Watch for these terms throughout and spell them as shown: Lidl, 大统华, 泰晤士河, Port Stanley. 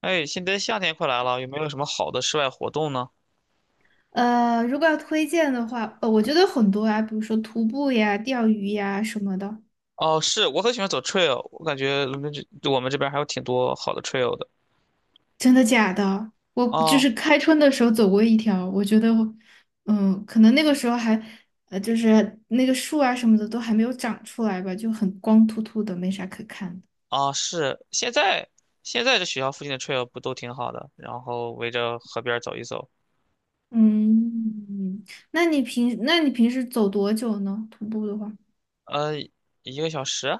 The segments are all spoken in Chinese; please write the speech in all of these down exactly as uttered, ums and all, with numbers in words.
哎，现在夏天快来了，有没有什么好的室外活动呢？呃，如果要推荐的话，呃，我觉得很多啊，比如说徒步呀、钓鱼呀什么的。哦，是，我很喜欢走 trail，我感觉伦敦这我们这边还有挺多好的 trail 的。真的假的？我就哦，是开春的时候走过一条，我觉得我，嗯，可能那个时候还，呃，就是那个树啊什么的都还没有长出来吧，就很光秃秃的，没啥可看的。啊，是，现在现在这学校附近的 trail 不都挺好的？然后围着河边儿走一走，嗯，那你平那你平时走多久呢？徒步的话，呃，一个小时啊？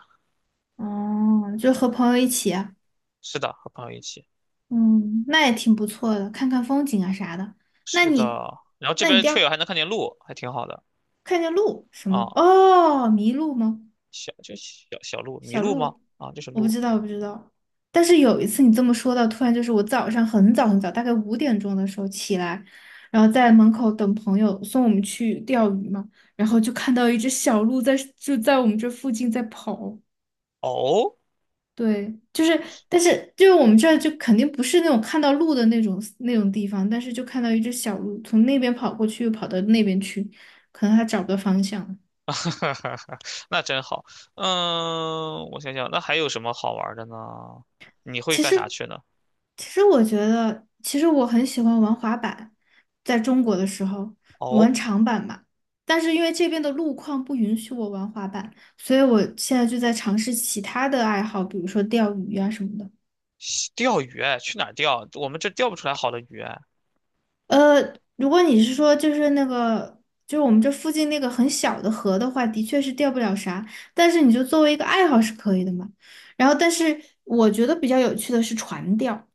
哦，就和朋友一起啊。是的，和朋友一起。嗯，那也挺不错的，看看风景啊啥的。那是的，你，然后这那你边 钓 trail 还能看见鹿，还挺好的。看见鹿什么？啊，哦，麋鹿吗？小就小小鹿、麋小鹿吗？鹿？啊，就是我不鹿。知道，我不知道。但是有一次你这么说到，突然就是我早上很早很早，大概五点钟的时候起来，然后在门口等朋友送我们去钓鱼嘛，然后就看到一只小鹿在就在我们这附近在跑。哦，对，就是，但是就是我们这儿就肯定不是那种看到鹿的那种那种地方，但是就看到一只小鹿从那边跑过去，又跑到那边去，可能它找不到方向。哈哈，那真好。嗯，我想想，那还有什么好玩儿的呢？你会其干啥实，去呢？其实我觉得，其实我很喜欢玩滑板，在中国的时候哦，玩长板嘛。但是因为这边的路况不允许我玩滑板，所以我现在就在尝试其他的爱好，比如说钓鱼啊什么的。西钓鱼哎，去哪儿钓？我们这钓不出来好的鱼哎。呃，如果你是说就是那个，就是我们这附近那个很小的河的话，的确是钓不了啥，但是你就作为一个爱好是可以的嘛。然后，但是我觉得比较有趣的是船钓。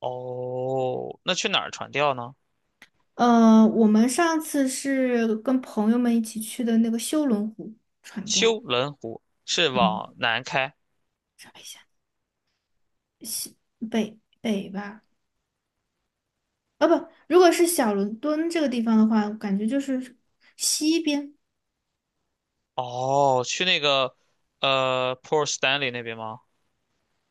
哦，那去哪儿船钓呢？呃，我们上次是跟朋友们一起去的那个修伦湖船钓，修伦湖是嗯，往南开。找一下西北北吧，啊不，如果是小伦敦这个地方的话，我感觉就是西边，哦，去那个呃 Port Stanley 那边吗？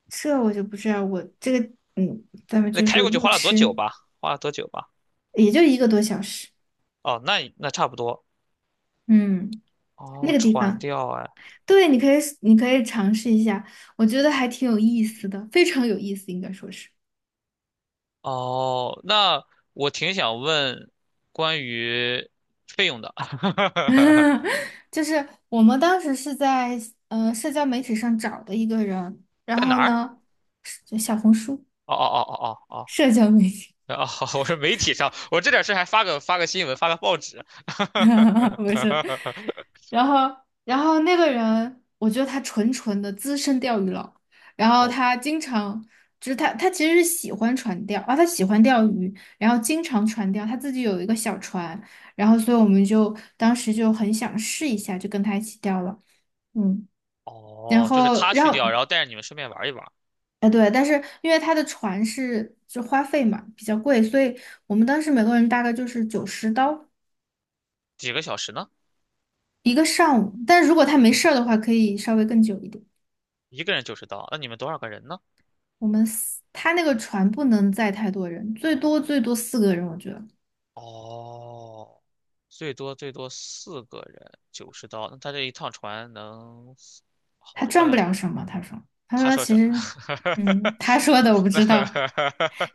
这我就不知道，我这个嗯，咱们那就开是过去路花了多久痴，吧？花了多久吧？也就一个多小时，哦，那那差不多。嗯，那哦，个地船方，钓哎，对，你可以你可以尝试一下，我觉得还挺有意思的，非常有意思，应该说是。哦，那我挺想问关于费用的，就是我们当时是在呃社交媒体上找的一个人，然在哪后儿？呢，是就小红书哦哦哦哦哦社交媒体，哦，哦，我说媒体上，我这点事还发个发个新闻，发个报纸。不是，然后然后那个人，我觉得他纯纯的资深钓鱼佬，然后哦他经常就是他他其实是喜欢船钓啊，他喜欢钓鱼，然后经常船钓，他自己有一个小船，然后所以我们就当时就很想试一下，就跟他一起钓了。嗯，然哦，就是后，他然去后掉，然后带着你们顺便玩一玩，哎，对，但是因为他的船是就花费嘛比较贵，所以我们当时每个人大概就是九十刀几个小时呢？一个上午。但如果他没事儿的话，可以稍微更久一点。一个人九十刀，那你们多少个人呢？我们四他那个船不能载太多人，最多最多四个人，我觉得哦，最多最多四个人，九十刀，那他这一趟船能好他多，哎赚不呀，了什么。他说，他他说说其这，实，嗯，他说的我不知道。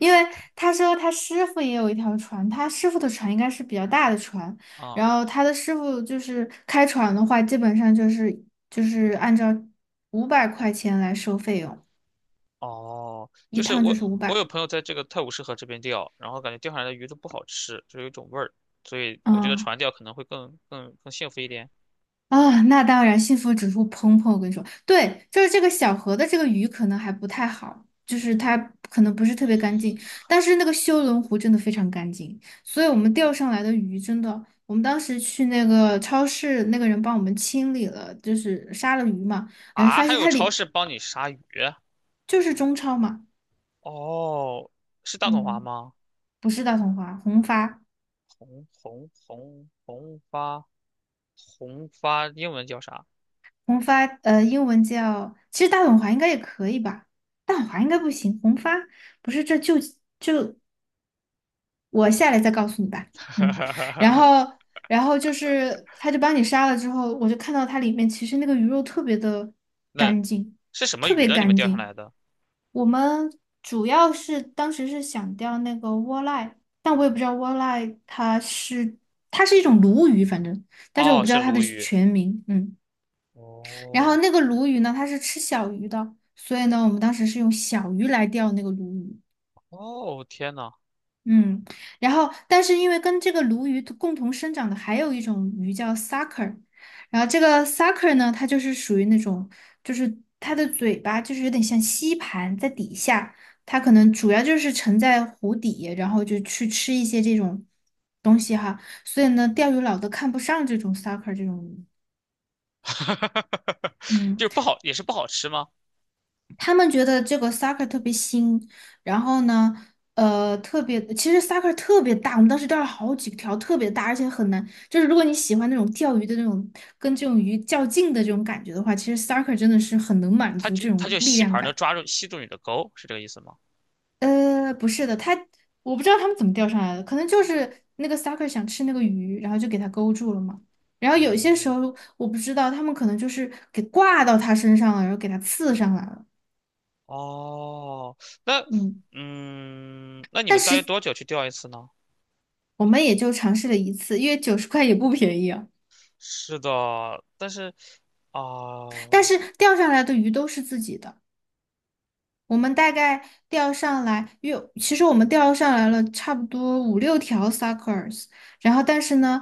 因为 他说他师傅也有一条船，他师傅的船应该是比较大的船，啊，然后他的师傅就是开船的话，基本上就是就是按照五百块钱来收费用，哦，一就是趟就我，是五我有百。朋友在这个泰晤士河这边钓，然后感觉钓上来的鱼都不好吃，就有一种味儿，所以我觉得嗯，船钓可能会更更更幸福一点啊，那当然，幸福指数砰砰！我跟你说，对，就是这个小河的这个鱼可能还不太好，就是它可能不是特别干净，但是那个修伦湖真的非常干净，所以我们钓上来的鱼真的，我们当时去那个超市，那个人帮我们清理了，就是杀了鱼嘛，反正啊。发还现有它超里市帮你杀鱼，就是中超嘛，哦，是大统华嗯，吗？不是大统华，红发，红红红红发红发，英文叫啥？红发，呃，英文叫，其实大统华应该也可以吧，大统华应该不行，红发。不是这就我下来再告诉你吧。嗯，然 后，然后就是，他就帮你杀了之后，我就看到它里面其实那个鱼肉特别的那干净，是什么特鱼别呢？你们干钓上净。来的？我们主要是当时是想钓那个窝赖，但我也不知道窝赖它是它是一种鲈鱼，反正，但是我哦，不知是道它的鲈鱼。全名。嗯，然后哦那个鲈鱼呢，它是吃小鱼的，所以呢，我们当时是用小鱼来钓那个鲈鱼。哦，天呐！嗯，然后但是因为跟这个鲈鱼共同生长的还有一种鱼叫 sucker，然后这个 sucker 呢，它就是属于那种，就是它的嘴巴就是有点像吸盘在底下，它可能主要就是沉在湖底，然后就去吃一些这种东西哈，所以呢，钓鱼佬都看不上这种 sucker 这种鱼。哈哈哈哈哈，嗯，就是不好，也是不好吃吗？他们觉得这个 soccer 特别新，然后呢，呃，特别，其实 soccer 特别大，我们当时钓了好几条，特别大，而且很难。就是如果你喜欢那种钓鱼的那种，跟这种鱼较劲的这种感觉的话，其实 soccer 真的是很能满它足就这它就种力吸量盘能感。抓住吸住你的钩，是这个意思吗？呃，不是的，他我不知道他们怎么钓上来的，可能就是那个 sucker 想吃那个鱼，然后就给它勾住了嘛。然后有些时哦候我不知道，他们可能就是给挂到它身上了，然后给它刺上来了。哦，那嗯。嗯，那你但们大约实。多久去钓一次呢？我们也就尝试了一次，因为九十块也不便宜啊。是的，但是但哦是钓上来的鱼都是自己的，我们大概钓上来，因为其实我们钓上来了差不多五六条 suckers，然后但是呢，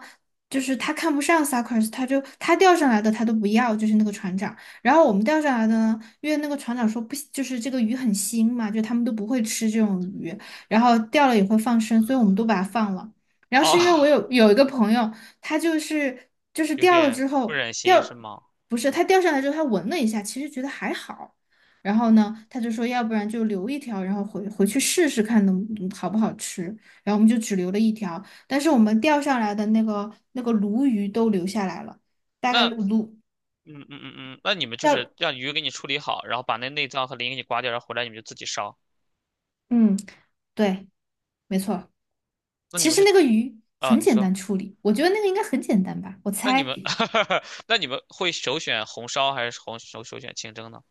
就是他看不上 suckers，他就他钓上来的他都不要，就是那个船长。然后我们钓上来的呢，因为那个船长说不，就是这个鱼很腥嘛，就他们都不会吃这种鱼，然后钓了也会放生，所以我们都把它放了。然后哦，是因为我有 有一个朋友，他就是就是有钓了点之不后忍心是钓，吗？不是他钓上来之后他闻了一下，其实觉得还好。然后呢，他就说，要不然就留一条，然后回回去试试看能嗯好不好吃。然后我们就只留了一条，但是我们钓上来的那个那个鲈鱼都留下来了，大概那鲈嗯嗯嗯嗯，那你们就要是让鱼给你处理好，然后把那内脏和鳞给你刮掉，然后回来你们就自己烧。嗯，对，没错。那你其们实是那个鱼啊、很你简说。单处理，我觉得那个应该很简单吧。我那你猜，们，那你们会首选红烧还是红首首选清蒸呢？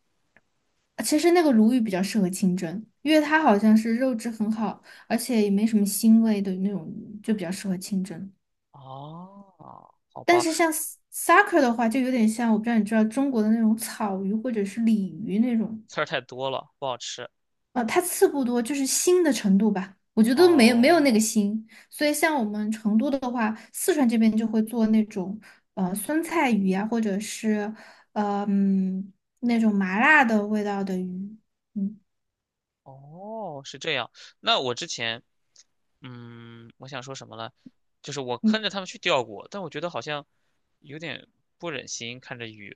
其实那个鲈鱼比较适合清蒸，因为它好像是肉质很好，而且也没什么腥味的那种，就比较适合清蒸。哦，好但吧，是像 s- sake 的话，就有点像我不知道你知道中国的那种草鱼或者是鲤鱼那种，刺儿太多了，不好吃。呃，它刺不多，就是腥的程度吧，我觉得没有没有那个哦，腥。所以像我们成都的话，四川这边就会做那种呃酸菜鱼啊，或者是呃嗯那种麻辣的味道的鱼，嗯，哦，是这样。那我之前，嗯，我想说什么呢？就是我嗯，跟着他们去钓过，但我觉得好像有点不忍心看着鱼，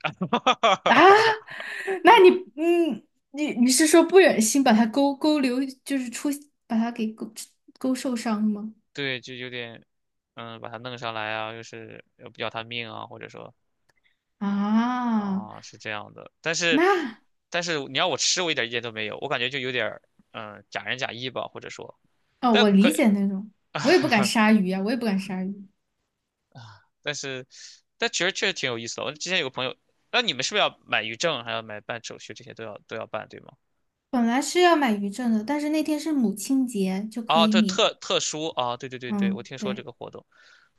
啊，那你嗯你你是说不忍心把它勾勾留，就是出把它给勾勾受伤吗？对，就有点，嗯，把它弄上来啊，又是要要它命啊，或者说。啊，啊，是这样的，但是，那但是你要我吃，我一点意见都没有，我感觉就有点儿，嗯，假仁假义吧，或者说，哦，但我可理解那种，我也不敢杀鱼呀、我也不敢杀鱼。啊，但是，但其实确实挺有意思的。我之前有个朋友，那你们是不是要买鱼证，还要买办手续，这些都要都要办，对吗？本来是要买鱼证的，但是那天是母亲节，就可啊，以这免。特特殊啊，对对对对，我嗯，听说这对个活动，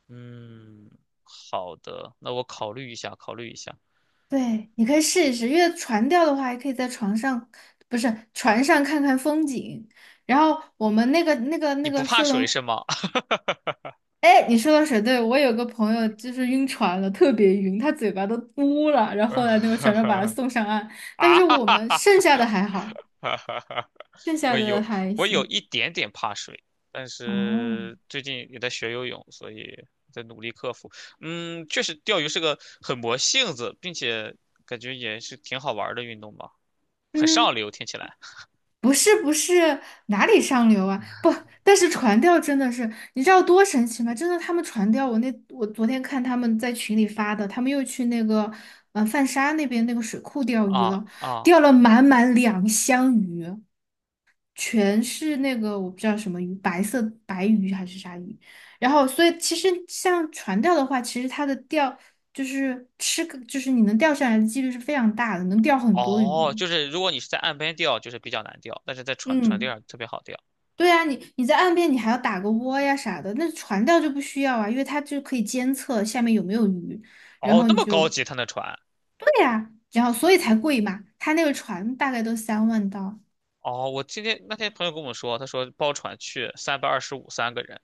嗯，好的，那我考虑一下，考虑一下。对，你可以试一试，因为船钓的话，还可以在床上，不是船上看看风景。然后我们那个那个你那不个怕修水龙，是吗？哎，你说的水，对，我有个朋友就是晕船了，特别晕，他嘴巴都嘟了，然 后啊后来那个哈船长把他哈送上岸，但是我们哈剩下的还好，哈哈哈！剩下我的有还我有行。一点点怕水，但哦，是最近也在学游泳，所以在努力克服。嗯，确实钓鱼是个很磨性子，并且感觉也是挺好玩儿的运动吧，很嗯。上流，听起来。不是不是哪里上流啊？不，但是船钓真的是，你知道多神奇吗？真的，他们船钓我那我昨天看他们在群里发的，他们又去那个嗯泛沙那边那个水库钓鱼啊了，啊钓了满满两箱鱼，全是那个我不知道什么鱼，白色白鱼还是啥鱼。然后，所以其实像船钓的话，其实它的钓就是吃个，就是你能钓上来的几率是非常大的，能钓很多鱼。哦，就是如果你是在岸边钓，就是比较难钓，但是在船船钓嗯。上特别好钓。对啊，你你在岸边你还要打个窝呀啥的，那船钓就不需要啊，因为它就可以监测下面有没有鱼，然哦，后那你么高就级，他那船。对呀、然后所以才贵嘛。它那个船大概都三万刀哦，我今天那天朋友跟我说，他说包船去三百二十五三个人，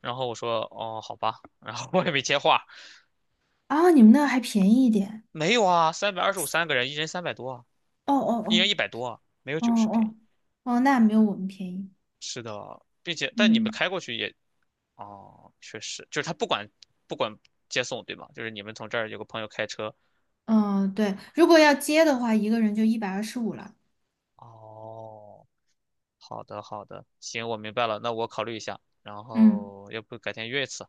然后我说哦好吧，然后我也没接话，啊，你们那还便宜一点。没有啊，三百二十五三个人，一人三百多啊，哦哦一人哦一百多啊，没有哦九十便哦宜。哦，那没有我们便宜。是的，并且但你们嗯开过去也，哦，确实，就是他不管不管接送对吗？就是你们从这儿有个朋友开车。嗯，对，如果要接的话，一个人就一百二十五了。哦，好的好的，行，我明白了，那我考虑一下，然嗯，后要不改天约一次。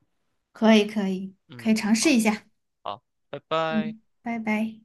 可以可以可嗯，以尝试好，一下。好，拜拜。嗯，拜拜。